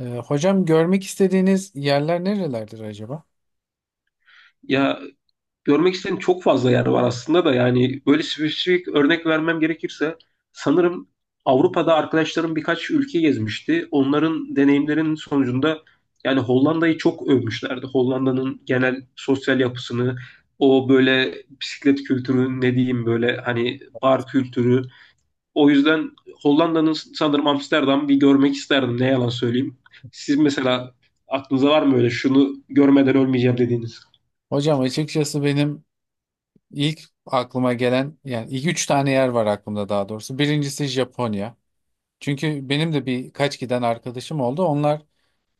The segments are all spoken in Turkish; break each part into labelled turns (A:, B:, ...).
A: Hocam görmek istediğiniz yerler nerelerdir acaba?
B: Ya görmek istediğim çok fazla yer var aslında da yani böyle spesifik örnek vermem gerekirse sanırım Avrupa'da arkadaşlarım birkaç ülke gezmişti. Onların deneyimlerinin sonucunda yani Hollanda'yı çok övmüşlerdi. Hollanda'nın genel sosyal yapısını, o böyle bisiklet kültürü ne diyeyim böyle hani bar kültürü. O yüzden Hollanda'nın sanırım Amsterdam bir görmek isterdim ne yalan söyleyeyim. Siz mesela aklınıza var mı öyle şunu görmeden ölmeyeceğim dediğiniz?
A: Hocam açıkçası benim ilk aklıma gelen yani ilk üç tane yer var aklımda daha doğrusu. Birincisi Japonya. Çünkü benim de birkaç giden arkadaşım oldu. Onlar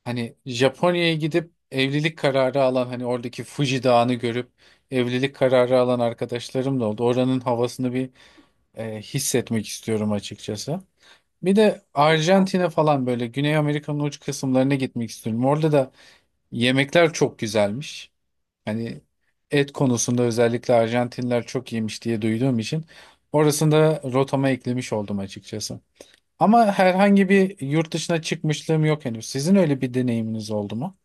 A: hani Japonya'ya gidip evlilik kararı alan hani oradaki Fuji Dağı'nı görüp evlilik kararı alan arkadaşlarım da oldu. Oranın havasını bir hissetmek istiyorum açıkçası. Bir de Arjantin'e falan böyle Güney Amerika'nın uç kısımlarına gitmek istiyorum. Orada da yemekler çok güzelmiş. Hani et konusunda özellikle Arjantinler çok yemiş diye duyduğum için orasını da rotama eklemiş oldum açıkçası. Ama herhangi bir yurt dışına çıkmışlığım yok henüz. Sizin öyle bir deneyiminiz oldu mu?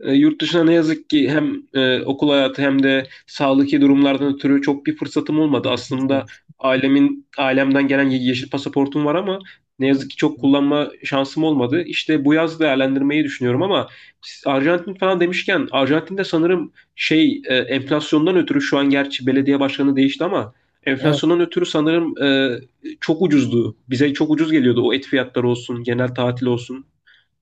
B: Yurt dışına ne yazık ki hem okul hayatı hem de sağlıklı durumlardan ötürü çok bir fırsatım olmadı.
A: Geçmiş
B: Aslında
A: olsun.
B: ailemden gelen yeşil pasaportum var ama ne yazık ki çok kullanma şansım olmadı. İşte bu yaz değerlendirmeyi düşünüyorum ama siz Arjantin falan demişken Arjantin'de sanırım şey enflasyondan ötürü şu an gerçi belediye başkanı değişti ama
A: Evet.
B: enflasyondan ötürü sanırım çok ucuzdu. Bize çok ucuz geliyordu o et fiyatları olsun, genel tatil olsun.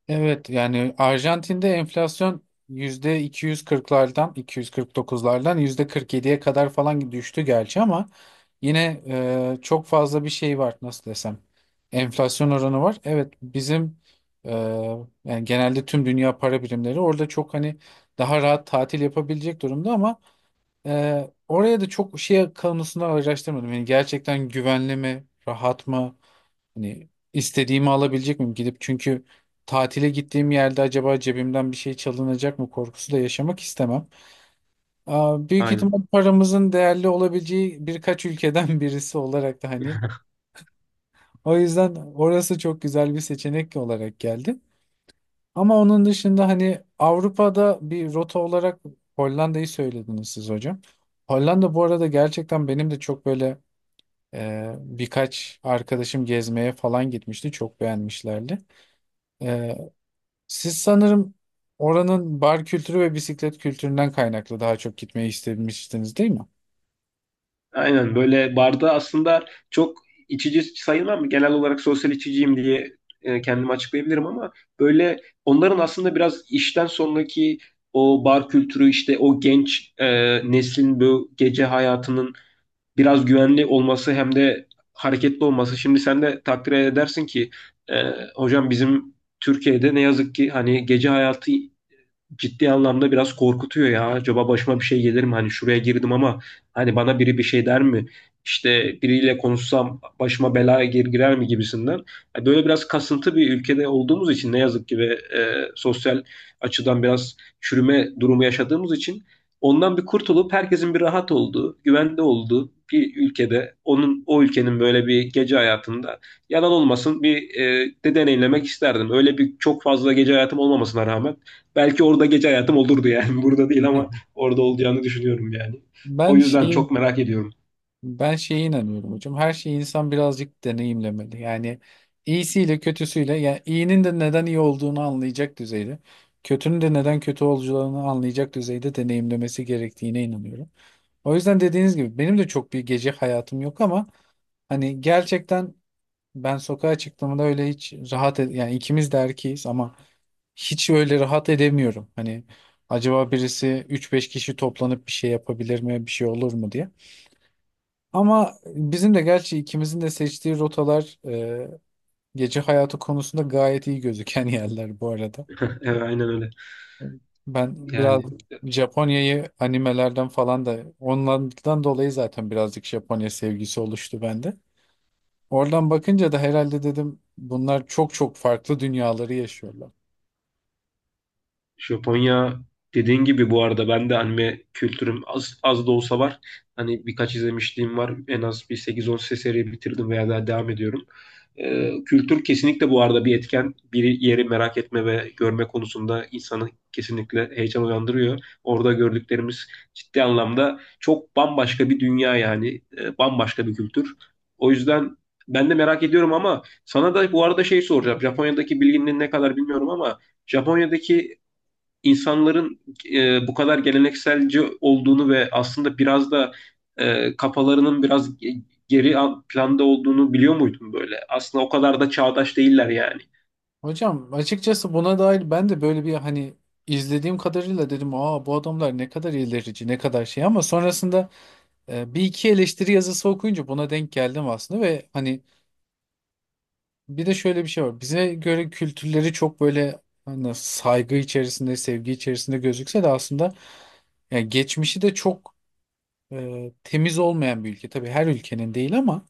A: Evet yani Arjantin'de enflasyon yüzde 240'lardan, 249'lardan yüzde 47'ye kadar falan düştü gerçi ama yine çok fazla bir şey var, nasıl desem, enflasyon oranı var. Evet, bizim e, yani genelde tüm dünya para birimleri orada çok hani daha rahat tatil yapabilecek durumda ama oraya da çok şey konusunda araştırmadım. Yani gerçekten güvenli mi, rahat mı? Hani istediğimi alabilecek miyim gidip? Çünkü tatile gittiğim yerde acaba cebimden bir şey çalınacak mı korkusu da yaşamak istemem. Aa, büyük
B: Aynen.
A: ihtimal paramızın değerli olabileceği birkaç ülkeden birisi olarak da hani o yüzden orası çok güzel bir seçenek olarak geldi. Ama onun dışında hani Avrupa'da bir rota olarak Hollanda'yı söylediniz siz hocam. Hollanda bu arada gerçekten benim de çok böyle birkaç arkadaşım gezmeye falan gitmişti. Çok beğenmişlerdi. Siz sanırım oranın bar kültürü ve bisiklet kültüründen kaynaklı daha çok gitmeyi istemiştiniz değil mi?
B: Aynen böyle barda aslında çok içici sayılmam. Genel olarak sosyal içiciyim diye kendimi açıklayabilirim ama böyle onların aslında biraz işten sonraki o bar kültürü işte o genç neslin bu gece hayatının biraz güvenli olması hem de hareketli olması. Şimdi sen de takdir edersin ki e, hocam bizim Türkiye'de ne yazık ki hani gece hayatı ciddi anlamda biraz korkutuyor ya. Acaba başıma bir şey gelir mi? Hani şuraya girdim ama hani bana biri bir şey der mi? İşte biriyle konuşsam başıma bela girer mi gibisinden. Yani böyle biraz kasıntı bir ülkede olduğumuz için ne yazık ki ve sosyal açıdan biraz çürüme durumu yaşadığımız için ondan bir kurtulup herkesin bir rahat olduğu, güvende olduğu bir ülkede onun o ülkenin böyle bir gece hayatında yalan olmasın bir de deneyimlemek isterdim. Öyle bir çok fazla gece hayatım olmamasına rağmen belki orada gece hayatım olurdu yani. Burada değil ama orada olacağını düşünüyorum yani. O
A: Ben
B: yüzden
A: şeyi
B: çok merak ediyorum.
A: Ben şeye inanıyorum hocam. Her şeyi insan birazcık deneyimlemeli. Yani iyisiyle kötüsüyle, yani iyinin de neden iyi olduğunu anlayacak düzeyde, kötünün de neden kötü olacağını anlayacak düzeyde deneyimlemesi gerektiğine inanıyorum. O yüzden dediğiniz gibi benim de çok bir gece hayatım yok ama hani gerçekten ben sokağa çıktığımda öyle hiç yani ikimiz de erkeğiz ama hiç öyle rahat edemiyorum. Hani acaba birisi üç beş kişi toplanıp bir şey yapabilir mi, bir şey olur mu diye. Ama bizim de gerçi ikimizin de seçtiği rotalar gece hayatı konusunda gayet iyi gözüken yerler bu arada.
B: Evet, aynen öyle.
A: Ben biraz
B: Yani
A: Japonya'yı animelerden falan da onlardan dolayı zaten birazcık Japonya sevgisi oluştu bende. Oradan bakınca da herhalde dedim bunlar çok çok farklı dünyaları yaşıyorlar.
B: Japonya dediğin gibi bu arada ben de anime kültürüm az, az da olsa var. Hani birkaç izlemişliğim var. En az bir 8-10 seri bitirdim veya daha devam ediyorum. Kültür kesinlikle bu arada bir etken. Bir yeri merak etme ve görme konusunda insanı kesinlikle heyecan uyandırıyor. Orada gördüklerimiz ciddi anlamda çok bambaşka bir dünya yani. Bambaşka bir kültür. O yüzden ben de merak ediyorum ama sana da bu arada şey soracağım. Japonya'daki bilginin ne kadar bilmiyorum ama Japonya'daki insanların bu kadar gelenekselci olduğunu ve aslında biraz da kafalarının biraz geri planda olduğunu biliyor muydun böyle? Aslında o kadar da çağdaş değiller yani.
A: Hocam açıkçası buna dair ben de böyle bir hani izlediğim kadarıyla dedim aa bu adamlar ne kadar ilerici ne kadar şey ama sonrasında bir iki eleştiri yazısı okuyunca buna denk geldim aslında ve hani bir de şöyle bir şey var. Bize göre kültürleri çok böyle hani saygı içerisinde, sevgi içerisinde gözükse de aslında yani geçmişi de çok temiz olmayan bir ülke. Tabii her ülkenin değil ama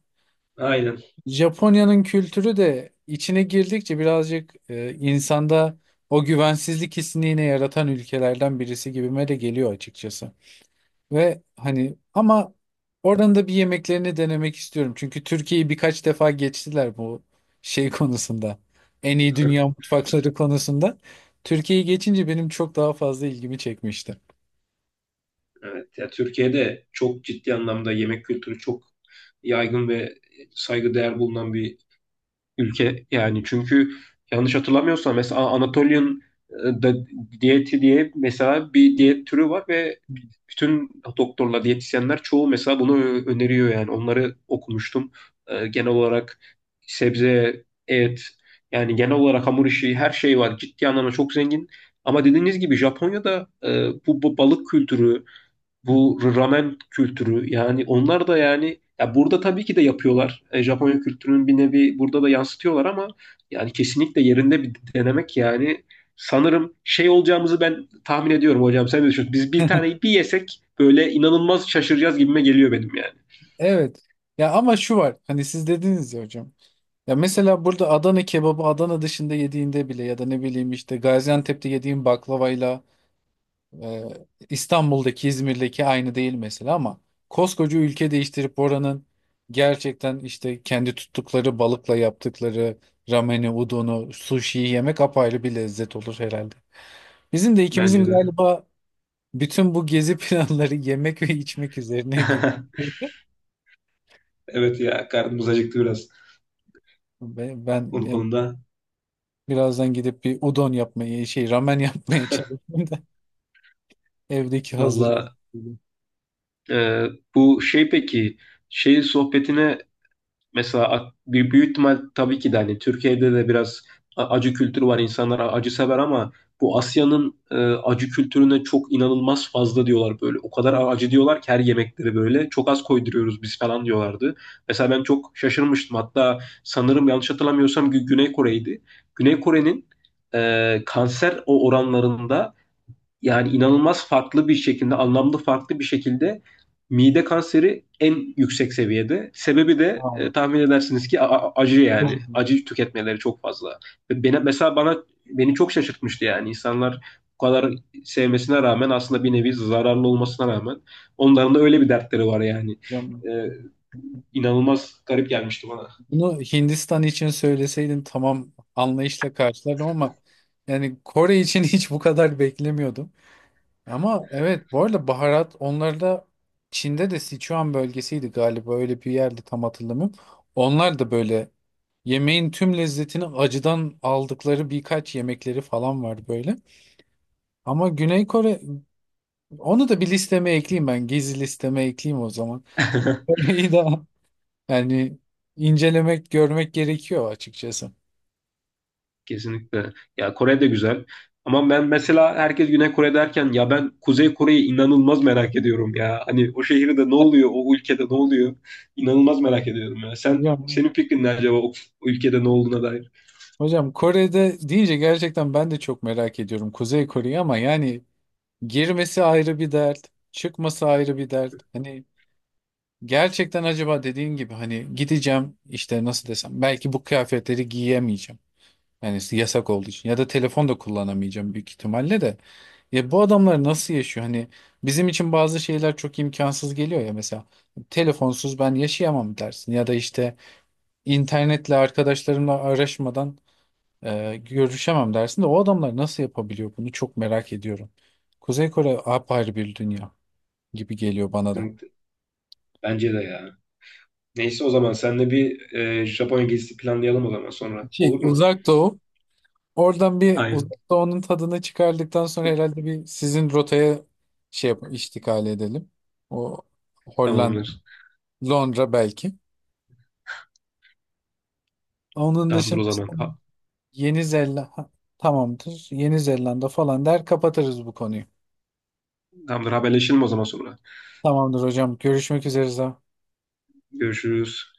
B: Aynen.
A: Japonya'nın kültürü de içine girdikçe birazcık insanda o güvensizlik hissini yine yaratan ülkelerden birisi gibime de geliyor açıkçası. Ve hani ama oranın da bir yemeklerini denemek istiyorum. Çünkü Türkiye'yi birkaç defa geçtiler bu şey konusunda. En iyi dünya mutfakları konusunda. Türkiye'yi geçince benim çok daha fazla ilgimi çekmişti.
B: Evet. Ya Türkiye'de çok ciddi anlamda yemek kültürü çok yaygın ve saygıdeğer bulunan bir ülke yani. Çünkü yanlış hatırlamıyorsam mesela Anatolian e, da- diyeti diye mesela bir diyet türü var ve bütün doktorlar, diyetisyenler çoğu mesela bunu öneriyor yani. Onları okumuştum. Genel olarak sebze, et, yani genel olarak hamur işi her şey var. Ciddi anlamda çok zengin. Ama dediğiniz gibi Japonya'da bu balık kültürü, bu ramen kültürü yani onlar da yani ya burada tabii ki de yapıyorlar. E, Japonya kültürünün bir nevi burada da yansıtıyorlar ama yani kesinlikle yerinde bir denemek yani sanırım şey olacağımızı ben tahmin ediyorum hocam. Sen ne düşünüyorsun? Biz bir taneyi bir yesek böyle inanılmaz şaşıracağız gibime geliyor benim yani.
A: Evet. Ya ama şu var. Hani siz dediniz ya hocam. Ya mesela burada Adana kebabı Adana dışında yediğinde bile ya da ne bileyim işte Gaziantep'te yediğin baklavayla e, İstanbul'daki, İzmir'deki aynı değil mesela ama koskoca ülke değiştirip oranın gerçekten işte kendi tuttukları balıkla yaptıkları rameni, udonu, suşiyi yemek apayrı bir lezzet olur herhalde. Bizim de ikimizin
B: Bence de.
A: galiba bütün bu gezi planları yemek ve içmek üzerine gibi.
B: Evet ya karnımız acıktı biraz
A: Ben, ben
B: onun
A: e,
B: konuda.
A: birazdan gidip bir udon yapmaya şey ramen yapmaya çalışıyorum. Evdeki hazır
B: Valla
A: ürün.
B: e, bu şey peki şey sohbetine mesela bir büyük ihtimal tabii ki de hani Türkiye'de de biraz acı kültürü var. İnsanlar acı sever ama bu Asya'nın acı kültürüne çok inanılmaz fazla diyorlar böyle. O kadar acı diyorlar ki her yemekleri böyle. Çok az koyduruyoruz biz falan diyorlardı. Mesela ben çok şaşırmıştım. Hatta sanırım yanlış hatırlamıyorsam Güney Kore'ydi. Güney Kore'nin kanser oranlarında yani inanılmaz farklı bir şekilde, anlamlı farklı bir şekilde mide kanseri en yüksek seviyede. Sebebi de
A: Aa,
B: tahmin edersiniz ki acı yani.
A: özür dilerim.
B: Acı tüketmeleri çok fazla. Ve mesela bana beni çok şaşırtmıştı yani. İnsanlar bu kadar sevmesine rağmen aslında bir nevi zararlı olmasına rağmen onların da öyle bir dertleri var yani.
A: Yapacağım.
B: E, inanılmaz garip gelmişti bana.
A: Bunu Hindistan için söyleseydin tamam anlayışla karşılardım ama yani Kore için hiç bu kadar beklemiyordum. Ama evet bu arada baharat onlarda Çin'de de Sichuan bölgesiydi galiba öyle bir yerde tam hatırlamıyorum. Onlar da böyle yemeğin tüm lezzetini acıdan aldıkları birkaç yemekleri falan var böyle. Ama Güney Kore, onu da bir listeme ekleyeyim ben gezi listeme ekleyeyim o zaman. Kore'yi de Yani incelemek, görmek gerekiyor açıkçası.
B: Kesinlikle. Ya Kore de güzel. Ama ben mesela herkes Güney Kore derken ya ben Kuzey Kore'yi inanılmaz merak ediyorum ya. Hani o şehirde ne oluyor, o ülkede ne oluyor? İnanılmaz merak ediyorum ya.
A: Hocam,
B: Senin fikrin ne acaba o ülkede ne olduğuna dair?
A: hocam, Kore'de deyince gerçekten ben de çok merak ediyorum Kuzey Kore'yi ama yani girmesi ayrı bir dert, çıkması ayrı bir dert. Hani gerçekten acaba dediğin gibi hani gideceğim işte nasıl desem belki bu kıyafetleri giyemeyeceğim. Yani yasak olduğu için ya da telefon da kullanamayacağım büyük ihtimalle de. Ya bu adamlar nasıl yaşıyor? Hani bizim için bazı şeyler çok imkansız geliyor ya, mesela telefonsuz ben yaşayamam dersin ya da işte İnternetle arkadaşlarımla araşmadan görüşemem dersin de o adamlar nasıl yapabiliyor bunu çok merak ediyorum. Kuzey Kore apayrı bir dünya gibi geliyor bana da.
B: Kesinlikle. Bence de ya. Neyse o zaman seninle bir Japonya gezisi planlayalım o zaman sonra.
A: Şey,
B: Olur mu?
A: Uzak Doğu. Oradan bir Uzak
B: Aynen.
A: Doğu'nun tadını çıkardıktan sonra herhalde bir sizin rotaya şey yap iştikal edelim. O Hollanda,
B: Tamamdır.
A: Londra belki. Onun
B: Tamamdır
A: dışında
B: o zaman.
A: son- Yeni Zelanda tamamdır. Yeni Zelanda falan der kapatırız bu konuyu.
B: Tamamdır, haberleşelim o zaman sonra.
A: Tamamdır hocam. Görüşmek üzere.
B: Görüşürüz.